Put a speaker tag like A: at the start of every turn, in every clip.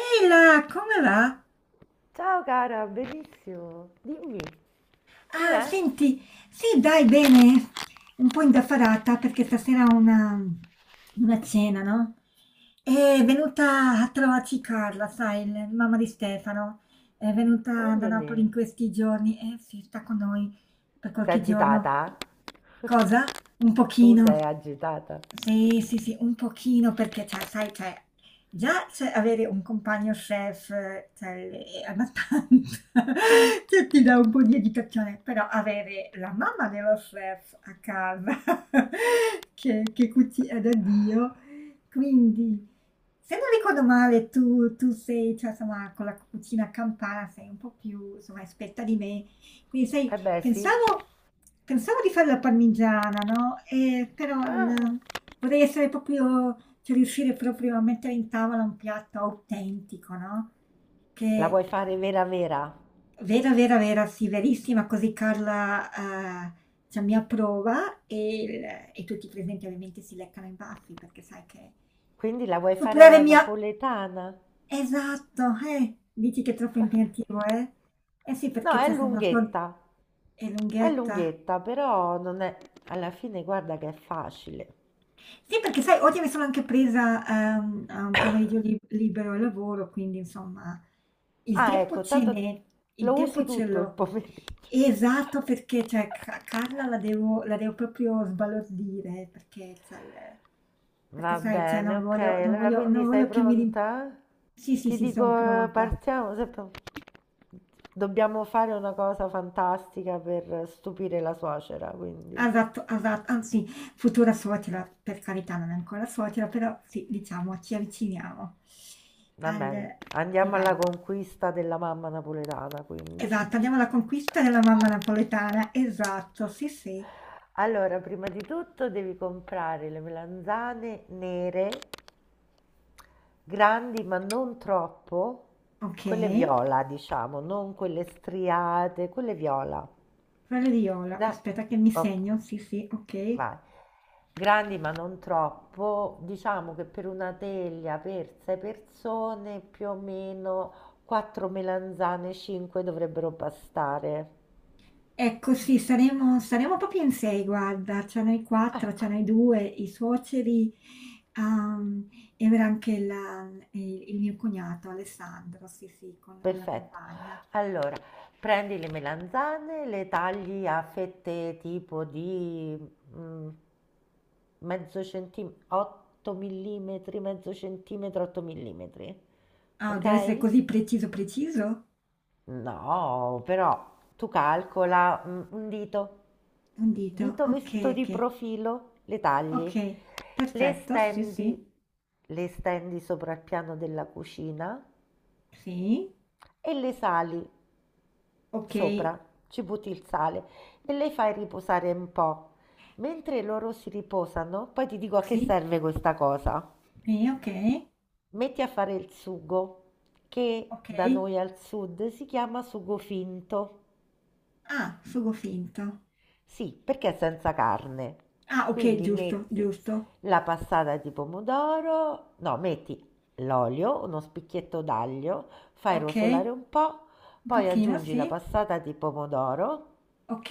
A: Ehi là, come va?
B: Ciao cara, benissimo. Dimmi,
A: Ah,
B: com'è?
A: senti, sì, dai, bene. Un po' indaffarata perché stasera ho una cena, no? È venuta a trovarci Carla, sai, mamma di Stefano. È
B: Va
A: venuta da
B: bene.
A: Napoli in questi giorni e si sta con noi per
B: Sei
A: qualche giorno.
B: agitata?
A: Cosa? Un
B: Tu sei
A: pochino.
B: agitata?
A: Sì, sì, sì, un pochino perché, cioè, sai, cioè, già cioè, avere un compagno chef, cioè, è abbastanza, cioè, ti dà un po' di agitazione, però avere la mamma dello chef a casa che cucina da Dio. Quindi, se non ricordo male, tu sei, cioè, insomma, con la cucina campana sei un po' più, insomma, esperta di me. Quindi, sai,
B: Eh beh, sì.
A: pensavo di fare la parmigiana, no? Però
B: Ah,
A: vorrei essere proprio, cioè, riuscire proprio a mettere in tavola un piatto autentico, no?
B: la
A: Che,
B: vuoi fare vera vera?
A: Vera, vera, vera, sì, verissima, così Carla, cioè mi approva e tutti i presenti ovviamente si leccano i baffi perché sai che
B: Quindi la vuoi fare
A: superare
B: alla
A: mia
B: napoletana?
A: esatto, dici che è troppo impegnativo, eh? Eh sì,
B: No,
A: perché
B: è
A: cioè sono son
B: lunghetta.
A: è
B: È
A: lunghetta.
B: lunghetta, però non è... Alla fine guarda che è facile.
A: Sì, perché sai, oggi mi sono anche presa, a un pomeriggio libero al lavoro, quindi insomma il
B: Ah,
A: tempo
B: ecco,
A: ce
B: tanto
A: n'è, il
B: lo
A: tempo
B: usi
A: ce
B: tutto il
A: l'ho.
B: pomeriggio.
A: Esatto, perché cioè, Carla la devo proprio sbalordire, perché
B: Va
A: sai, cioè,
B: bene,
A: non
B: ok.
A: voglio, non
B: Allora,
A: voglio, non
B: quindi sei
A: voglio che
B: pronta?
A: Sì, sì,
B: Ti
A: sì,
B: dico,
A: sono pronta.
B: partiamo. Dobbiamo fare una cosa fantastica per stupire la suocera, quindi
A: Esatto, esatto, anzi, futura suocera, per carità, non è ancora suocera, però sì, diciamo, ci avviciniamo
B: va bene.
A: al. Sì,
B: Andiamo
A: dai.
B: alla conquista della mamma napoletana, quindi.
A: Esatto, andiamo alla conquista della mamma napoletana, esatto, sì, sì,
B: Allora, prima di tutto devi comprare le melanzane nere, grandi ma non troppo, quelle
A: okay.
B: viola, diciamo, non quelle striate, quelle viola.
A: Quelle di Iola,
B: Da-
A: aspetta che mi
B: ok.
A: segno, sì, sì, okay.
B: Vai. Grandi ma non troppo, diciamo che per una teglia per 6 persone più o meno 4 melanzane, 5 dovrebbero bastare.
A: Ecco sì, saremo proprio in 6 guarda, cioè noi 4,
B: Ecco,
A: cioè noi 2, i suoceri, uhm, e verrà anche la il mio cognato Alessandro, sì, sì, con la
B: perfetto.
A: compagna.
B: Allora, prendi le melanzane, le tagli a fette tipo di mm, mezzo centimetro, 8 mm, mezzo centimetro, 8 mm,
A: Ah,
B: ok?
A: deve essere così preciso, preciso?
B: No, però tu calcola un dito,
A: Un dito,
B: dito
A: okay,
B: visto di
A: okay,
B: profilo, le tagli,
A: okay,
B: le
A: perfetto, sì, sì,
B: stendi, le stendi sopra il piano della cucina
A: sì,
B: e le sali
A: okay,
B: sopra, ci butti il sale e le fai riposare un po'. Mentre loro si riposano, poi ti dico a che
A: sì.
B: serve questa cosa.
A: Sì, ok,
B: Metti a fare il sugo, che
A: ok.
B: da noi al sud si chiama sugo finto.
A: Ah, sugo finto.
B: Sì, perché è senza carne.
A: Ah, ok,
B: Quindi
A: giusto,
B: metti
A: giusto.
B: la passata di pomodoro, no, metti l'olio, uno spicchietto d'aglio, fai
A: Ok,
B: rosolare un
A: un
B: po', poi
A: pochino,
B: aggiungi la
A: sì.
B: passata di pomodoro
A: Ok,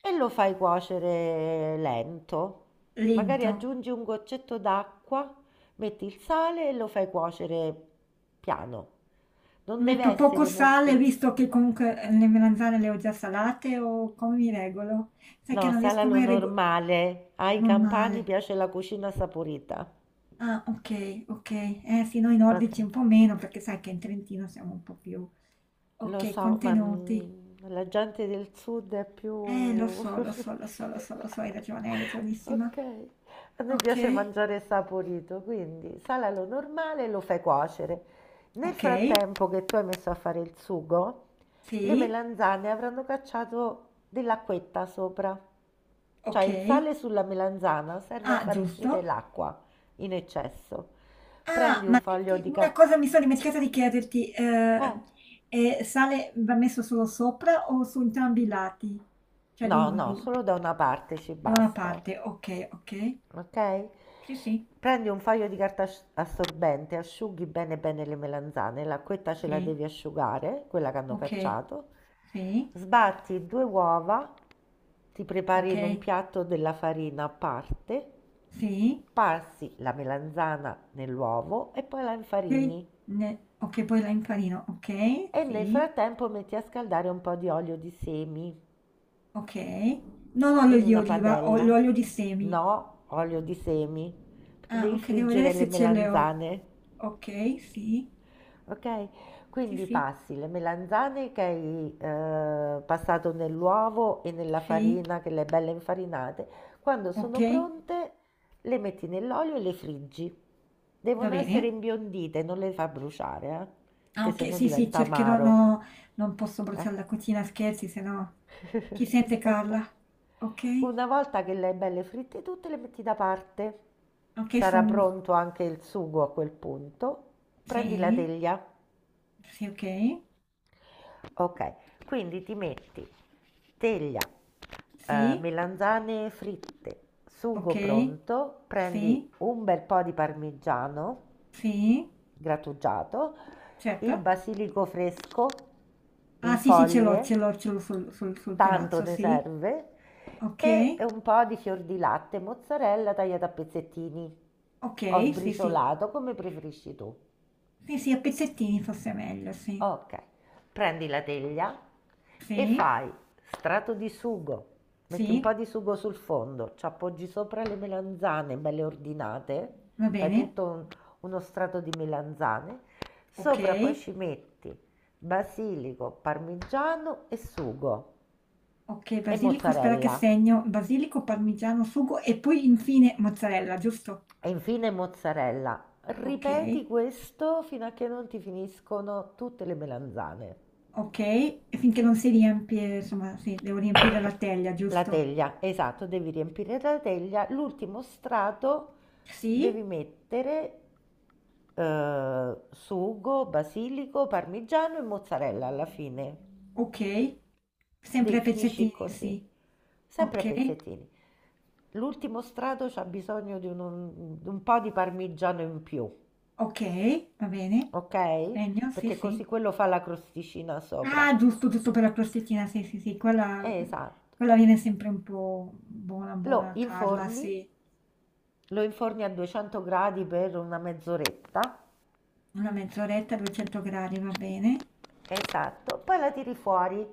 B: e lo fai cuocere lento. Magari
A: lento.
B: aggiungi un goccetto d'acqua, metti il sale e lo fai cuocere piano. Non deve
A: Metto poco
B: essere
A: sale,
B: molto...
A: visto che comunque le melanzane le ho già salate, o come mi regolo? Sai che
B: No,
A: non riesco
B: salalo
A: mai a regolare.
B: normale. Ai
A: Non
B: campani
A: male.
B: piace la cucina saporita.
A: Ah, ok, ok. Eh sì, noi nordici
B: Okay.
A: un po' meno, perché sai che in Trentino siamo un po' più.
B: Lo
A: Ok,
B: so, ma
A: contenuti.
B: la gente del sud è
A: Lo
B: più...
A: so, lo so, lo so, lo so, lo so, hai ragione, hai
B: Ok,
A: ragionissima.
B: a noi piace
A: Ok,
B: mangiare saporito, quindi sala lo normale e lo fai cuocere. Nel
A: okay,
B: frattempo che tu hai messo a fare il sugo, le
A: sì,
B: melanzane avranno cacciato dell'acquetta sopra. Cioè il
A: okay.
B: sale sulla melanzana serve a
A: Ah,
B: far uscire
A: giusto.
B: l'acqua in eccesso.
A: Ah,
B: Prendi un
A: ma
B: foglio
A: senti
B: di
A: una
B: carta.
A: cosa mi sono dimenticata di chiederti,
B: Eh.
A: sale va messo solo sopra o su entrambi i lati? Cioè
B: No, no,
A: di
B: solo da una parte ci
A: da una
B: basta,
A: parte, okay, okay.
B: ok?
A: Sì, sì,
B: Prendi un foglio di carta assorbente, asciughi bene bene le melanzane, l'acquetta ce la
A: sì,
B: devi asciugare, quella che hanno
A: okay,
B: cacciato.
A: sì,
B: Sbatti due uova, ti prepari in un
A: okay,
B: piatto della farina a parte,
A: sì,
B: passi la melanzana nell'uovo e poi la
A: okay,
B: infarini.
A: ne okay, poi la infarina, okay,
B: E
A: sì,
B: nel frattempo metti a scaldare un po' di olio di semi
A: okay. Non olio
B: in
A: di
B: una
A: oliva, ho
B: padella.
A: l'olio di semi.
B: No, olio di semi, perché
A: Ah,
B: devi
A: okay, devo vedere
B: friggere le
A: se ce le ho.
B: melanzane,
A: Okay, sì.
B: ok?
A: Sì,
B: Quindi
A: sì,
B: passi le melanzane che hai passato nell'uovo e nella
A: sì,
B: farina, che le hai belle infarinate. Quando
A: ok,
B: sono pronte, le metti nell'olio e le friggi.
A: va
B: Devono essere
A: bene.
B: imbiondite, non le fa bruciare, eh?
A: Ah,
B: Che se
A: ok,
B: no
A: sì, sì,
B: diventa
A: cercherò,
B: amaro.
A: no, non posso
B: Eh?
A: bruciare la cucina, scherzi, se no chi sente
B: Ok.
A: Carla? Ok,
B: Una volta che le hai belle fritte tutte, le metti da parte.
A: ok,
B: Sarà
A: sono.
B: pronto anche il sugo a quel punto. Prendi la
A: Sì,
B: teglia.
A: sì, ok,
B: Ok, quindi ti metti teglia,
A: sì,
B: melanzane fritte,
A: ok,
B: sugo pronto,
A: sì,
B: prendi un bel po' di parmigiano
A: sì,
B: grattugiato, il
A: certo.
B: basilico fresco
A: Ah,
B: in
A: sì, sì, ce l'ho,
B: foglie,
A: ce l'ho, ce l'ho sul
B: tanto
A: terrazzo,
B: ne
A: sì,
B: serve, e
A: ok,
B: un po' di fior di latte, mozzarella tagliata a pezzettini o
A: ok, sì, sì,
B: sbriciolato, come preferisci tu.
A: sì, sì, a pezzettini forse è meglio, sì,
B: Ok, prendi la teglia e
A: sì,
B: fai strato di sugo, metti un
A: sì,
B: po' di sugo sul fondo, ci appoggi sopra le melanzane belle ordinate,
A: va
B: fai
A: bene,
B: tutto uno strato di melanzane,
A: ok.
B: sopra poi ci metti basilico, parmigiano e sugo
A: Ok,
B: e
A: basilico, aspetta che
B: mozzarella
A: segno, basilico, parmigiano, sugo e poi infine mozzarella, giusto?
B: e infine mozzarella.
A: Ok,
B: Ripeti questo fino a che non ti finiscono tutte le melanzane.
A: ok, e finché non si riempie, insomma, sì, devo riempire la teglia,
B: La
A: giusto?
B: teglia, esatto, devi riempire la teglia. L'ultimo strato
A: Sì,
B: devi mettere sugo, basilico, parmigiano e mozzarella alla fine.
A: ok,
B: De-
A: sempre a
B: finisci
A: pezzettini,
B: così,
A: sì.
B: sempre a
A: Ok,
B: pezzettini. L'ultimo strato c'ha bisogno di un po' di parmigiano in più,
A: ok, va bene.
B: ok?
A: Segno, sì,
B: Perché
A: sì.
B: così quello fa la crosticina sopra.
A: Ah, giusto, giusto per la crostettina, sì, sì, sì, quella,
B: Esatto.
A: quella viene sempre un po' buona,
B: Lo
A: buona, Carla,
B: inforni,
A: sì.
B: lo inforni a 200 gradi per una mezz'oretta.
A: Una mezz'oretta, 200 gradi, va bene.
B: Esatto, poi la tiri fuori.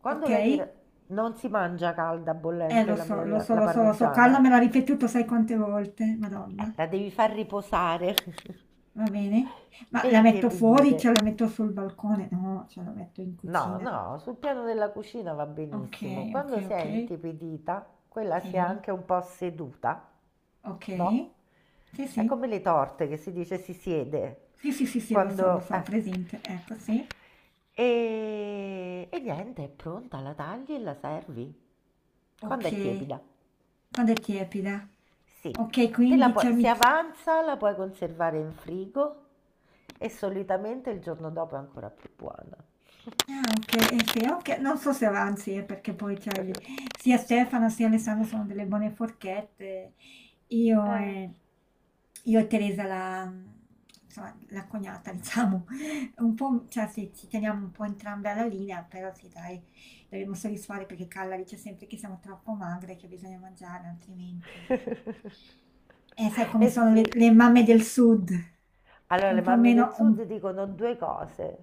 A: Ok.
B: Non si mangia calda, bollente
A: Lo
B: la,
A: so, lo
B: la-
A: so,
B: la
A: lo so, lo so. Carla
B: parmigiana,
A: me l'ha ripetuto sai quante volte, Madonna.
B: la devi far riposare
A: Va bene. Ma
B: e
A: la metto fuori,
B: intiepidire.
A: cioè la metto sul balcone? No, cioè la metto in
B: No,
A: cucina.
B: no, sul piano della cucina va benissimo.
A: Okay,
B: Quando
A: okay,
B: si è
A: okay.
B: intiepidita, quella si è
A: Sì,
B: anche un po' seduta, no?
A: okay. Sì,
B: È
A: sì.
B: come le torte che si dice si siede.
A: Sì, sì, sì, sì, lo
B: Quando...
A: so, ho
B: eh,
A: presente. Ecco, sì.
B: e niente, è pronta, la tagli e la servi. Quando è
A: Okay.
B: tiepida.
A: Quando è tiepida.
B: Sì.
A: Okay, quindi cioè
B: Se
A: mi.
B: avanza, la puoi conservare in frigo e solitamente il giorno dopo è ancora più buona.
A: Ah okay, e speriamo che non so se avanzi, perché poi c'hai lì sia Stefano sia Alessandro sono delle buone forchette. Io
B: Eh.
A: e io e Teresa, la, insomma, la cognata diciamo, un po' cioè sì, ci teniamo un po' entrambe alla linea, però sì dai, dovremmo soddisfare perché Carla dice sempre che siamo troppo magre, e che bisogna mangiare altrimenti. Sai come
B: Eh
A: sono
B: sì,
A: le mamme del sud,
B: allora
A: un
B: le
A: po'
B: mamme del
A: meno un
B: sud dicono due cose,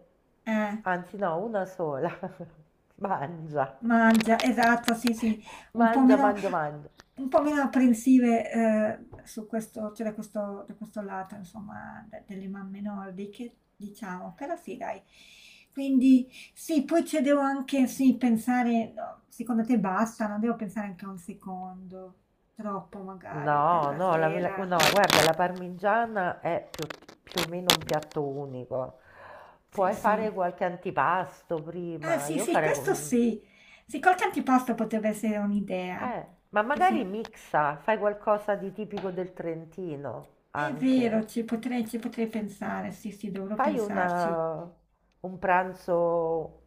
A: eh.
B: anzi no, una sola. Mangia,
A: Mangia, esatto, sì, sì, un po'
B: mangia,
A: meno,
B: mangia, mangia.
A: un po' meno apprensive su questo, cioè da questo lato, insomma, delle mamme nordiche, diciamo, però sì, dai. Quindi sì, poi ci devo anche, sì, pensare, no, secondo te basta, non devo pensare anche a un secondo, troppo magari, per
B: No,
A: la
B: no,
A: sera.
B: no, guarda, la parmigiana è più o meno un piatto unico.
A: Sì,
B: Puoi fare
A: sì.
B: qualche antipasto
A: Ah,
B: prima.
A: sì, sì, questo sì. Sì, qualche antipasto potrebbe essere un'idea.
B: Ma
A: Che sì.
B: magari mixa, fai qualcosa di tipico del Trentino
A: È vero,
B: anche.
A: ci potrei pensare, sì, sì, dovrò
B: Fai
A: pensarci.
B: un pranzo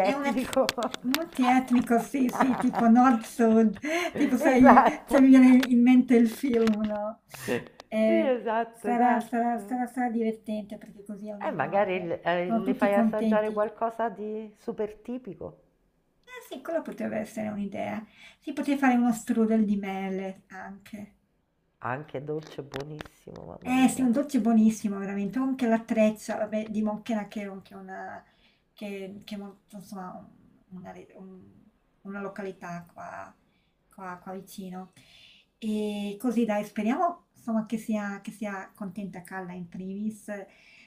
A: È un ex- multietnico, sì, sì, tipo nord-sud, tipo sai,
B: Esatto,
A: cioè mi viene in mente il film, no?
B: sì,
A: Eh,
B: esatto,
A: sarà, sarà,
B: esatto.
A: sarà, sarà divertente perché così
B: E
A: almeno
B: magari le eh,
A: sono
B: le
A: tutti
B: fai assaggiare
A: contenti.
B: qualcosa di super tipico,
A: Eh sì, quella potrebbe essere un'idea. Si poteva fare uno strudel di mele anche.
B: anche dolce, buonissimo, mamma
A: Eh sì, un
B: mia.
A: dolce buonissimo veramente, con anche l'attrezza, vabbè, di Monchena che è molto, insomma, una località qua, qua vicino. E così dai, speriamo insomma, che sia contenta Calla in primis.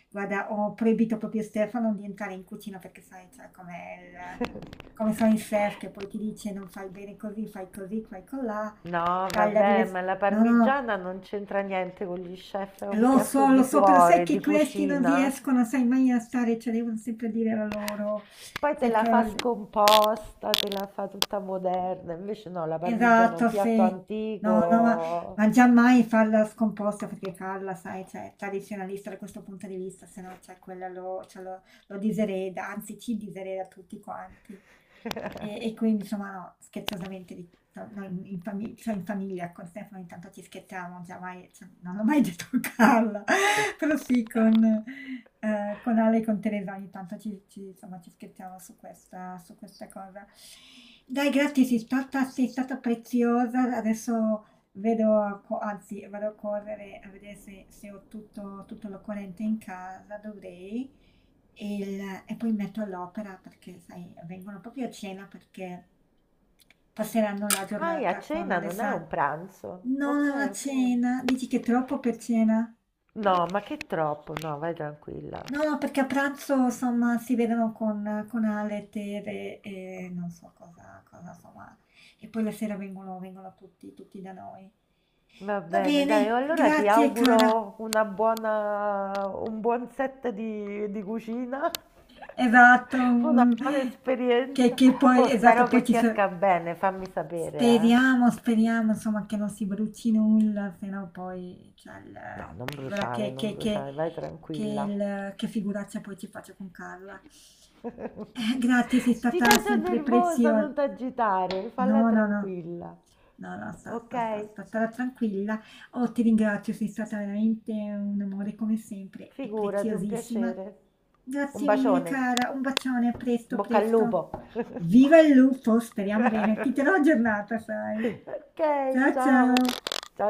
A: Guarda, ho proibito proprio a Stefano di entrare in cucina perché sai, cioè, il- come sono i chef che poi ti dice non fai bene così, fai colà,
B: No,
A: taglia
B: vabbè, ma
A: diversamente.
B: la
A: No, no, no.
B: parmigiana non c'entra niente con gli chef, è un piatto
A: Lo
B: di
A: so, però sai
B: cuore,
A: che
B: di
A: questi non
B: cucina.
A: riescono, sai, mai a stare, cioè devono sempre dire la loro.
B: Poi te
A: Sai
B: la fa
A: che-
B: scomposta, te la fa tutta moderna. Invece no, la parmigiana è un
A: Esatto,
B: piatto
A: sì. No, no, ma,
B: antico.
A: ma già mai farla scomposta perché Carla, sai, cioè, è tradizionalista da questo punto di vista, se no, cioè, quella cioè, lo disereda, anzi ci disereda tutti quanti. E, e quindi, insomma, no, scherzosamente, no, noi cioè, in famiglia con Stefano intanto ci scherziamo, già mai, cioè, non ho mai detto a Carla. Però sì, con Ale e con Teresa ogni tanto ci insomma, ci scherziamo su questa cosa. Dai, grazie, sei stata preziosa. Adesso vedo a co anzi, vado a correre a vedere se ho tutto l'occorrente in casa, dovrei, e il e poi mi metto all'opera perché, sai, vengono proprio a cena perché passeranno la
B: Ah, e a
A: giornata con
B: cena non è
A: Alessa.
B: un pranzo.
A: No,
B: Ok,
A: è una
B: ok.
A: cena. Dici che è troppo per cena?
B: No, ma che troppo, no, vai tranquilla.
A: No, no, perché a pranzo, insomma, si vedono con Ale, Tere e non so cosa, cosa, insomma. E poi la sera vengono tutti, tutti da noi.
B: Va
A: Va
B: bene, dai,
A: bene,
B: allora ti
A: grazie cara.
B: auguro un buon set di cucina,
A: Esatto.
B: una buona
A: Che,
B: esperienza.
A: che
B: Oh,
A: poi, esatto,
B: spero
A: poi
B: che
A: ci
B: ti
A: sa-
B: esca bene, fammi sapere, eh.
A: Speriamo, speriamo, insomma, che non si bruci nulla, se no poi, cioè,
B: No, non
A: guarda
B: bruciare,
A: che,
B: non
A: che, che,
B: bruciare, vai
A: che,
B: tranquilla.
A: il- che figuraccia poi ci faccio con Carla. Grazie, sei
B: Ti
A: stata
B: sento
A: sempre
B: nervosa, non
A: preziosa.
B: t'agitare, falla
A: No, no, no.
B: tranquilla.
A: No, no, sta sta sta
B: Ok?
A: sta stare tranquilla. Oh, ti ringrazio, sei stata veramente un amore come sempre e
B: Figurati, un
A: preziosissima.
B: piacere. Un
A: Grazie mille,
B: bacione,
A: cara. Un bacione, a
B: in
A: presto,
B: bocca al
A: presto.
B: lupo.
A: Viva il lupo, speriamo bene. Ti terrò aggiornata, sai.
B: Ok,
A: Ciao,
B: ciao.
A: ciao.